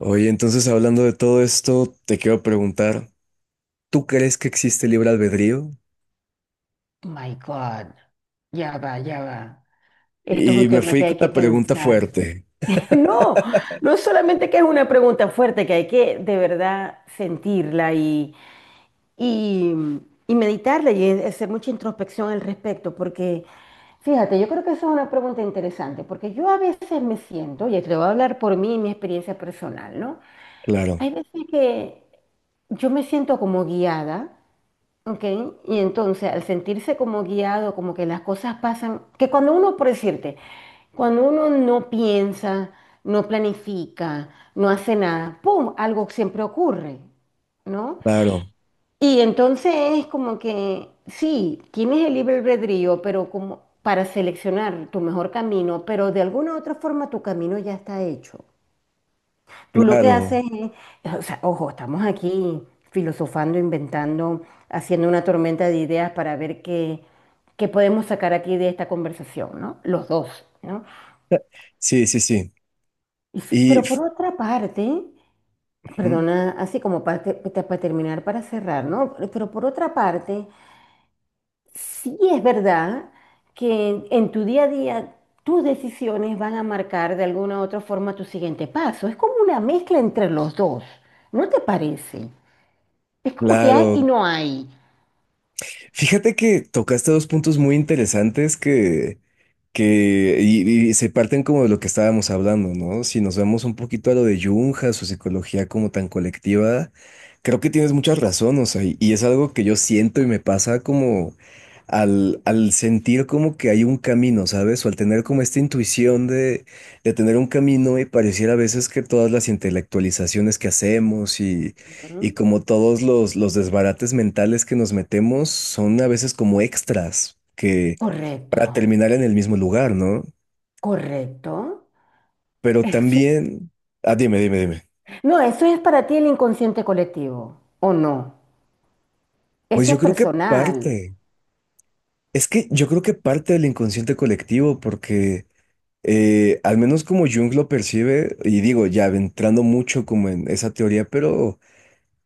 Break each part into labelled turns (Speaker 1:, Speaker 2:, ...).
Speaker 1: Oye, entonces hablando de todo esto, te quiero preguntar, ¿tú crees que existe libre albedrío?
Speaker 2: My God, ya va, ya va. Esto es un
Speaker 1: Y me
Speaker 2: tema
Speaker 1: fui
Speaker 2: que
Speaker 1: con
Speaker 2: hay que
Speaker 1: la pregunta
Speaker 2: pensar.
Speaker 1: fuerte.
Speaker 2: No, no solamente que es una pregunta fuerte, que hay que de verdad sentirla y, y meditarla y hacer mucha introspección al respecto, porque fíjate, yo creo que eso es una pregunta interesante, porque yo a veces me siento, y te voy a hablar por mí y mi experiencia personal, ¿no?
Speaker 1: Claro,
Speaker 2: Hay veces que yo me siento como guiada. Ok, y entonces al sentirse como guiado, como que las cosas pasan, que cuando uno, por decirte, cuando uno no piensa, no planifica, no hace nada, ¡pum! Algo siempre ocurre, ¿no?
Speaker 1: claro,
Speaker 2: Y entonces es como que, sí, tienes el libre albedrío, pero como para seleccionar tu mejor camino, pero de alguna u otra forma tu camino ya está hecho. Tú lo que
Speaker 1: claro.
Speaker 2: haces es, o sea, ojo, estamos aquí filosofando, inventando, haciendo una tormenta de ideas para ver qué podemos sacar aquí de esta conversación, ¿no? Los dos, ¿no?
Speaker 1: Sí, sí, sí.
Speaker 2: Y sí,
Speaker 1: Y
Speaker 2: pero
Speaker 1: f-
Speaker 2: por otra parte,
Speaker 1: ujú,
Speaker 2: perdona, así como para, para terminar, para cerrar, ¿no? Pero por otra parte, sí es verdad que en tu día a día tus decisiones van a marcar de alguna u otra forma tu siguiente paso. Es como una mezcla entre los dos, ¿no te parece? Es como que hay
Speaker 1: claro.
Speaker 2: y no hay.
Speaker 1: Fíjate que tocaste dos puntos muy interesantes que se parten como de lo que estábamos hablando, ¿no? Si nos vemos un poquito a lo de Jung, a su psicología como tan colectiva, creo que tienes mucha razón, o sea, y es algo que yo siento y me pasa como al sentir como que hay un camino, ¿sabes? O al tener como esta intuición de tener un camino y pareciera a veces que todas las intelectualizaciones que hacemos y
Speaker 2: Ujú.
Speaker 1: como todos los desbarates mentales que nos metemos son a veces como extras que
Speaker 2: Correcto,
Speaker 1: para terminar en el mismo lugar, ¿no?
Speaker 2: correcto.
Speaker 1: Pero
Speaker 2: Sí.
Speaker 1: también, ah, dime, dime, dime.
Speaker 2: No, eso es para ti el inconsciente colectivo, ¿o no?
Speaker 1: Pues
Speaker 2: Ese
Speaker 1: yo
Speaker 2: es
Speaker 1: creo que
Speaker 2: personal.
Speaker 1: parte, es que yo creo que parte del inconsciente colectivo, porque al menos como Jung lo percibe, y digo, ya entrando mucho como en esa teoría, pero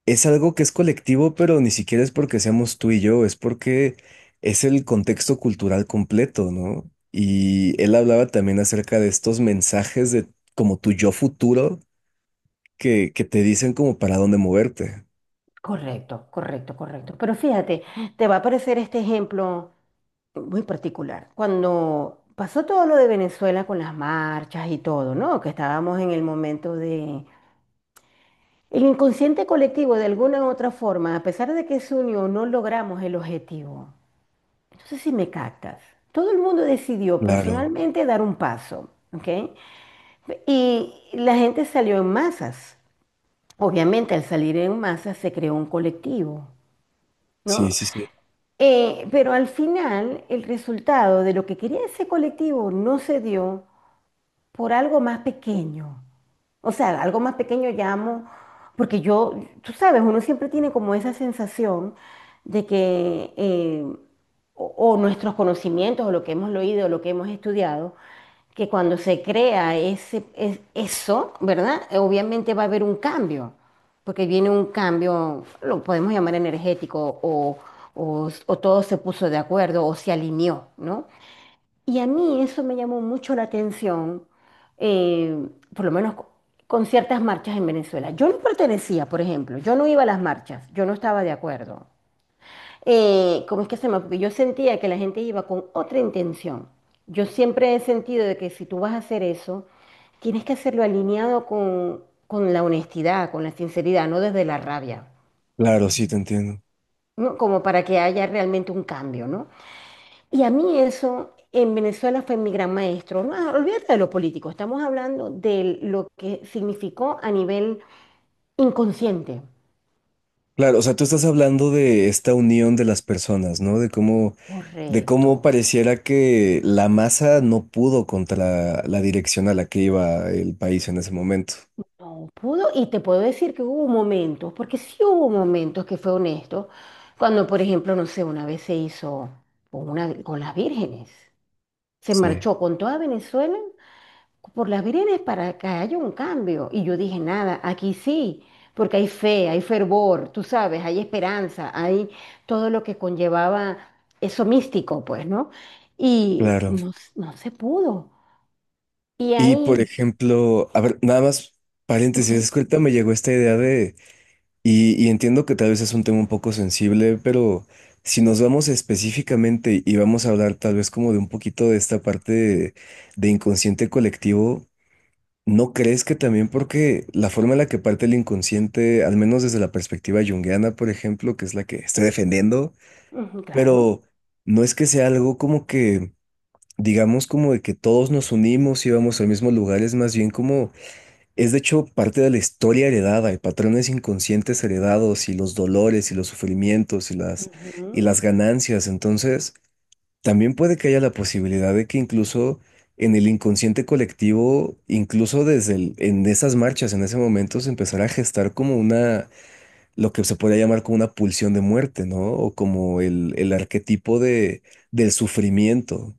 Speaker 1: es algo que es colectivo, pero ni siquiera es porque seamos tú y yo, es porque es el contexto cultural completo, ¿no? Y él hablaba también acerca de estos mensajes de como tu yo futuro que te dicen como para dónde moverte.
Speaker 2: Correcto, correcto, correcto. Pero fíjate, te va a aparecer este ejemplo muy particular. Cuando pasó todo lo de Venezuela con las marchas y todo, ¿no? Que estábamos en el momento de... El inconsciente colectivo, de alguna u otra forma, a pesar de que se unió, no logramos el objetivo. No sé si me captas. Todo el mundo decidió
Speaker 1: Claro,
Speaker 2: personalmente dar un paso, ¿ok? Y la gente salió en masas. Obviamente, al salir en masas se creó un colectivo,
Speaker 1: sí,
Speaker 2: ¿no?
Speaker 1: sí, sí.
Speaker 2: Pero al final, el resultado de lo que quería ese colectivo no se dio por algo más pequeño. O sea, algo más pequeño llamo, porque yo, tú sabes, uno siempre tiene como esa sensación de que o nuestros conocimientos, o lo que hemos leído, o lo que hemos estudiado, que cuando se crea ese, es- eso, ¿verdad? Obviamente va a haber un cambio, porque viene un cambio, lo podemos llamar energético, o todo se puso de acuerdo, o se alineó, ¿no? Y a mí eso me llamó mucho la atención, eh, por lo menos co- con ciertas marchas en Venezuela. Yo no pertenecía, por ejemplo, yo no iba a las marchas, yo no estaba de acuerdo. ¿Cómo es que se llama? Porque yo sentía que la gente iba con otra intención. Yo siempre he sentido de que si tú vas a hacer eso, tienes que hacerlo alineado con la honestidad, con la sinceridad, no desde la rabia,
Speaker 1: Claro, sí, te entiendo.
Speaker 2: ¿no? Como para que haya realmente un cambio, ¿no? Y a mí eso en Venezuela fue mi gran maestro. No, ah, olvídate de lo político, estamos hablando de lo que significó a nivel inconsciente.
Speaker 1: Claro, o sea, tú estás hablando de esta unión de las personas, ¿no? De cómo
Speaker 2: Correcto.
Speaker 1: pareciera que la masa no pudo contra la dirección a la que iba el país en ese momento.
Speaker 2: No pudo, y te puedo decir que hubo momentos, porque sí hubo momentos que fue honesto, cuando, por ejemplo, no sé, una vez se hizo con, una, con las vírgenes, se
Speaker 1: Sí.
Speaker 2: marchó con toda Venezuela por las veredas para que haya un cambio. Y yo dije, nada, aquí sí, porque hay fe, hay fervor, tú sabes, hay esperanza, hay todo lo que conllevaba eso místico, pues, ¿no? Y
Speaker 1: Claro.
Speaker 2: no, s- no se pudo. Y
Speaker 1: Y por
Speaker 2: ahí,
Speaker 1: ejemplo, a ver, nada más paréntesis, es
Speaker 2: sí,
Speaker 1: que ahorita me llegó esta idea de, y entiendo que tal vez es un tema un poco sensible, pero si nos vamos específicamente y vamos a hablar tal vez como de un poquito de esta parte de inconsciente colectivo, ¿no crees que también porque la forma en la que parte el inconsciente, al menos desde la perspectiva junguiana, por ejemplo, que es la que estoy defendiendo,
Speaker 2: ujú, claro.
Speaker 1: pero no es que sea algo como que, digamos como de que todos nos unimos y vamos al mismo lugar, es más bien como es de hecho parte de la historia heredada y patrones inconscientes heredados y los dolores y los sufrimientos y
Speaker 2: Ujú.
Speaker 1: las ganancias. Entonces, también puede que haya la posibilidad de que incluso en el inconsciente colectivo, incluso desde en esas marchas, en ese momento, se empezará a gestar como una, lo que se podría llamar como una pulsión de muerte, ¿no? O como el arquetipo de, del sufrimiento.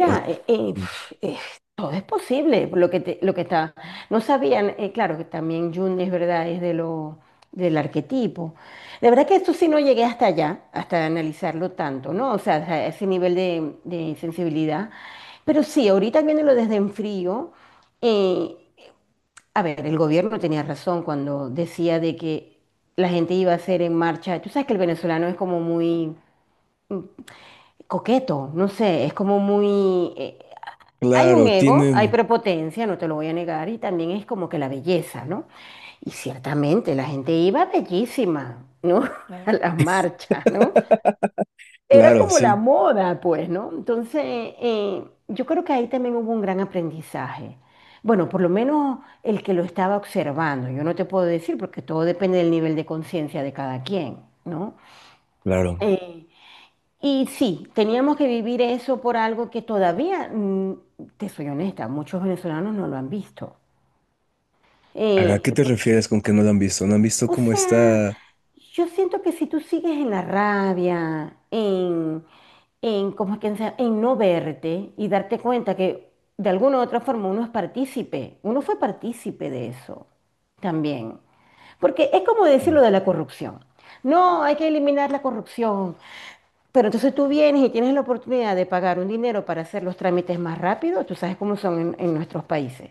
Speaker 1: O, sí,
Speaker 2: pf, todo es posible, lo que, te- lo que está. No sabían, claro que también Jung es verdad, es de lo, del arquetipo. De verdad que esto sí no llegué hasta allá, hasta analizarlo tanto, ¿no? O sea, a ese nivel de sensibilidad. Pero sí, ahorita viéndolo desde en frío, eh, a ver, el gobierno tenía razón cuando decía de que la gente iba a hacer en marcha. Tú sabes que el venezolano es como muy coqueto, no sé, es como muy... hay un
Speaker 1: claro,
Speaker 2: ego, hay
Speaker 1: tienen,
Speaker 2: prepotencia, no te lo voy a negar, y también es como que la belleza, ¿no? Y ciertamente la gente iba bellísima, ¿no? A Claro. Las marchas, ¿no? Era
Speaker 1: claro,
Speaker 2: como la
Speaker 1: sí,
Speaker 2: moda, pues, ¿no? Entonces, yo creo que ahí también hubo un gran aprendizaje. Bueno, por lo menos el que lo estaba observando, yo no te puedo decir porque todo depende del nivel de conciencia de cada quien, ¿no?
Speaker 1: claro.
Speaker 2: Eh, y sí, teníamos que vivir eso por algo que todavía, te soy honesta, muchos venezolanos no lo han visto.
Speaker 1: ¿A qué te
Speaker 2: Por-
Speaker 1: refieres con que no lo han visto? ¿No han visto
Speaker 2: o
Speaker 1: cómo
Speaker 2: sea,
Speaker 1: está?
Speaker 2: yo siento que si tú sigues en la rabia, en, ¿cómo es que se llama? En no verte y darte cuenta que de alguna u otra forma uno es partícipe, uno fue partícipe de eso también. Porque es como decir
Speaker 1: Mm.
Speaker 2: lo de la corrupción. No, hay que eliminar la corrupción. Pero entonces tú vienes y tienes la oportunidad de pagar un dinero para hacer los trámites más rápido, tú sabes cómo son en nuestros países.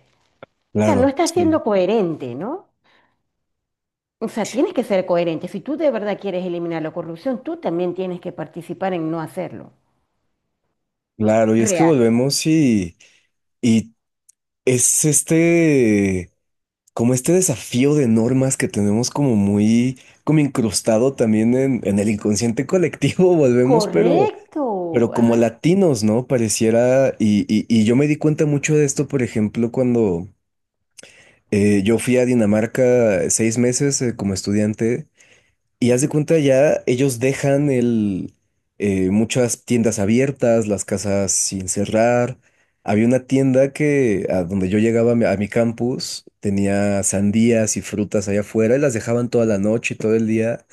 Speaker 2: O sea, no
Speaker 1: Claro,
Speaker 2: estás
Speaker 1: sí.
Speaker 2: siendo coherente, ¿no? O sea, tienes que ser coherente. Si tú de verdad quieres eliminar la corrupción, tú también tienes que participar en no hacerlo.
Speaker 1: Claro, y es que
Speaker 2: Real.
Speaker 1: volvemos y es este, como este desafío de normas que tenemos como muy, como incrustado también en el inconsciente colectivo, volvemos,
Speaker 2: Correcto.
Speaker 1: pero como
Speaker 2: Ay,
Speaker 1: latinos, ¿no? Pareciera, y yo me di cuenta mucho de esto, por ejemplo, cuando yo fui a Dinamarca 6 meses, como estudiante. Y haz de
Speaker 2: ujú.
Speaker 1: cuenta ya, ellos dejan el, muchas tiendas abiertas, las casas sin cerrar. Había una tienda que a donde yo llegaba a mi campus tenía sandías y frutas allá afuera y las dejaban toda la noche y todo el día.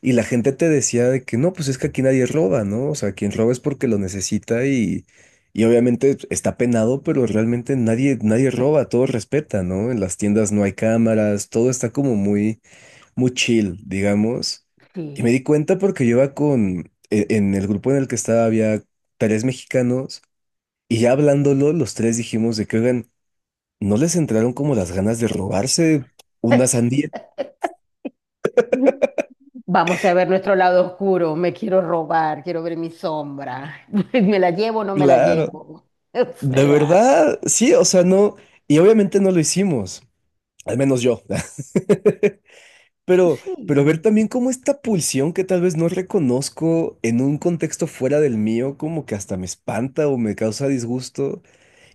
Speaker 1: Y la gente te decía de que no, pues es que aquí nadie roba, ¿no? O sea, quien roba es porque lo necesita y obviamente está penado, pero realmente nadie, nadie roba, todo respeta, ¿no? En las tiendas no hay cámaras, todo está como muy muy chill, digamos. Y me
Speaker 2: Sí.
Speaker 1: di cuenta porque yo iba con, en el grupo en el que estaba había tres mexicanos y ya hablándolo, los tres dijimos de que, oigan, ¿no les entraron como las ganas de robarse una sandía?
Speaker 2: Vamos a ver nuestro lado oscuro. Me quiero robar, quiero ver mi sombra. ¿Me la llevo o no me la
Speaker 1: Claro,
Speaker 2: llevo? O
Speaker 1: de
Speaker 2: sea,
Speaker 1: verdad, sí, o sea, no, y obviamente no lo hicimos, al menos yo. Pero ver
Speaker 2: sí.
Speaker 1: también cómo esta pulsión que tal vez no reconozco en un contexto fuera del mío, como que hasta me espanta o me causa disgusto.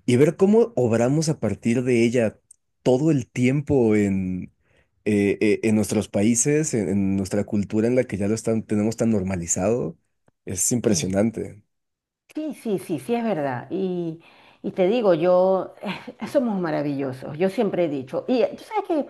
Speaker 1: Y ver cómo obramos a partir de ella todo el tiempo en nuestros países, en nuestra cultura en la que ya lo están, tenemos tan normalizado, es
Speaker 2: Sí,
Speaker 1: impresionante.
Speaker 2: sí, sí, sí, sí, es verdad. Y te digo, yo, somos maravillosos, yo siempre he dicho. Y tú sabes que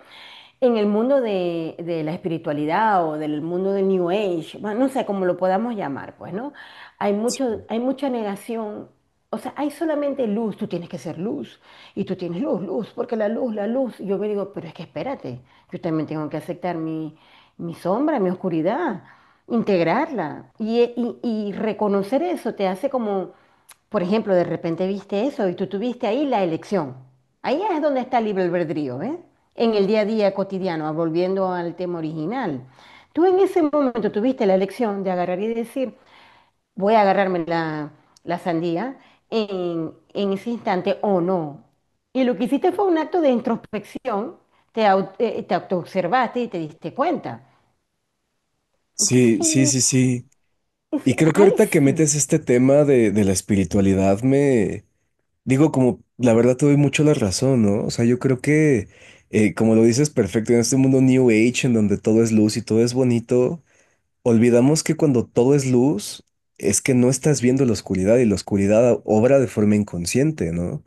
Speaker 2: en el mundo de la espiritualidad o del mundo del New Age, bueno, no sé cómo lo podamos llamar, pues, ¿no? Hay
Speaker 1: Sí.
Speaker 2: mucho, hay mucha negación. O sea, hay solamente luz, tú tienes que ser luz. Y tú tienes luz, luz, porque la luz, la luz. Y yo me digo, pero es que espérate, yo también tengo que aceptar mi, mi sombra, mi oscuridad integrarla y reconocer eso te hace como, por ejemplo, de repente viste eso y tú tuviste ahí la elección. Ahí es donde está el libre albedrío, ¿eh? En el día a día cotidiano, volviendo al tema original. Tú en ese momento tuviste la elección de agarrar y decir, voy a agarrarme la, la sandía en ese instante o no. Y lo que hiciste fue un acto de introspección, te, te autoobservaste y te diste cuenta.
Speaker 1: Sí, sí,
Speaker 2: Entonces,
Speaker 1: sí, sí.
Speaker 2: es-
Speaker 1: Y creo que
Speaker 2: ay,
Speaker 1: ahorita que
Speaker 2: sí,
Speaker 1: metes este tema de la espiritualidad, me digo, como la verdad te doy mucho la razón, ¿no? O sea, yo creo que, como lo dices perfecto, en este mundo New Age, en donde todo es luz y todo es bonito, olvidamos que cuando todo es luz, es que no estás viendo la oscuridad y la oscuridad obra de forma inconsciente, ¿no?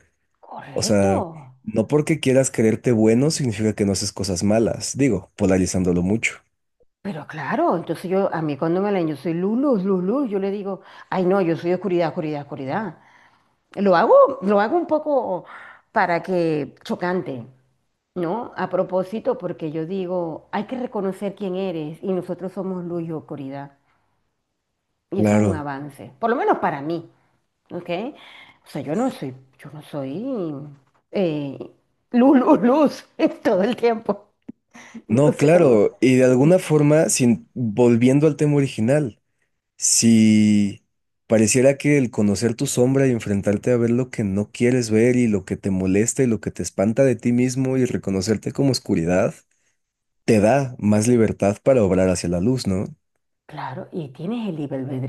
Speaker 1: O
Speaker 2: correcto.
Speaker 1: sea, no porque quieras creerte bueno significa que no haces cosas malas, digo, polarizándolo mucho.
Speaker 2: Pero claro, entonces yo, a mí cuando me leen, yo soy luz, luz, luz, luz, yo le digo, ay, no, yo soy oscuridad, oscuridad, oscuridad. Lo hago, lo hago un poco para que chocante, ¿no? A propósito, porque yo digo, hay que reconocer quién eres y nosotros somos luz y oscuridad. Y eso es un
Speaker 1: Claro.
Speaker 2: avance, por lo menos para mí, ¿ok? O sea, yo no soy eh, luz, luz, luz todo el tiempo. No
Speaker 1: No,
Speaker 2: sé cómo.
Speaker 1: claro, y de alguna forma, sin, volviendo al tema original, si pareciera que el conocer tu sombra y enfrentarte a ver lo que no quieres ver y lo que te molesta y lo que te espanta de ti mismo y reconocerte como oscuridad, te da más libertad para obrar hacia la luz, ¿no?
Speaker 2: Claro, y tienes el libre albedrío.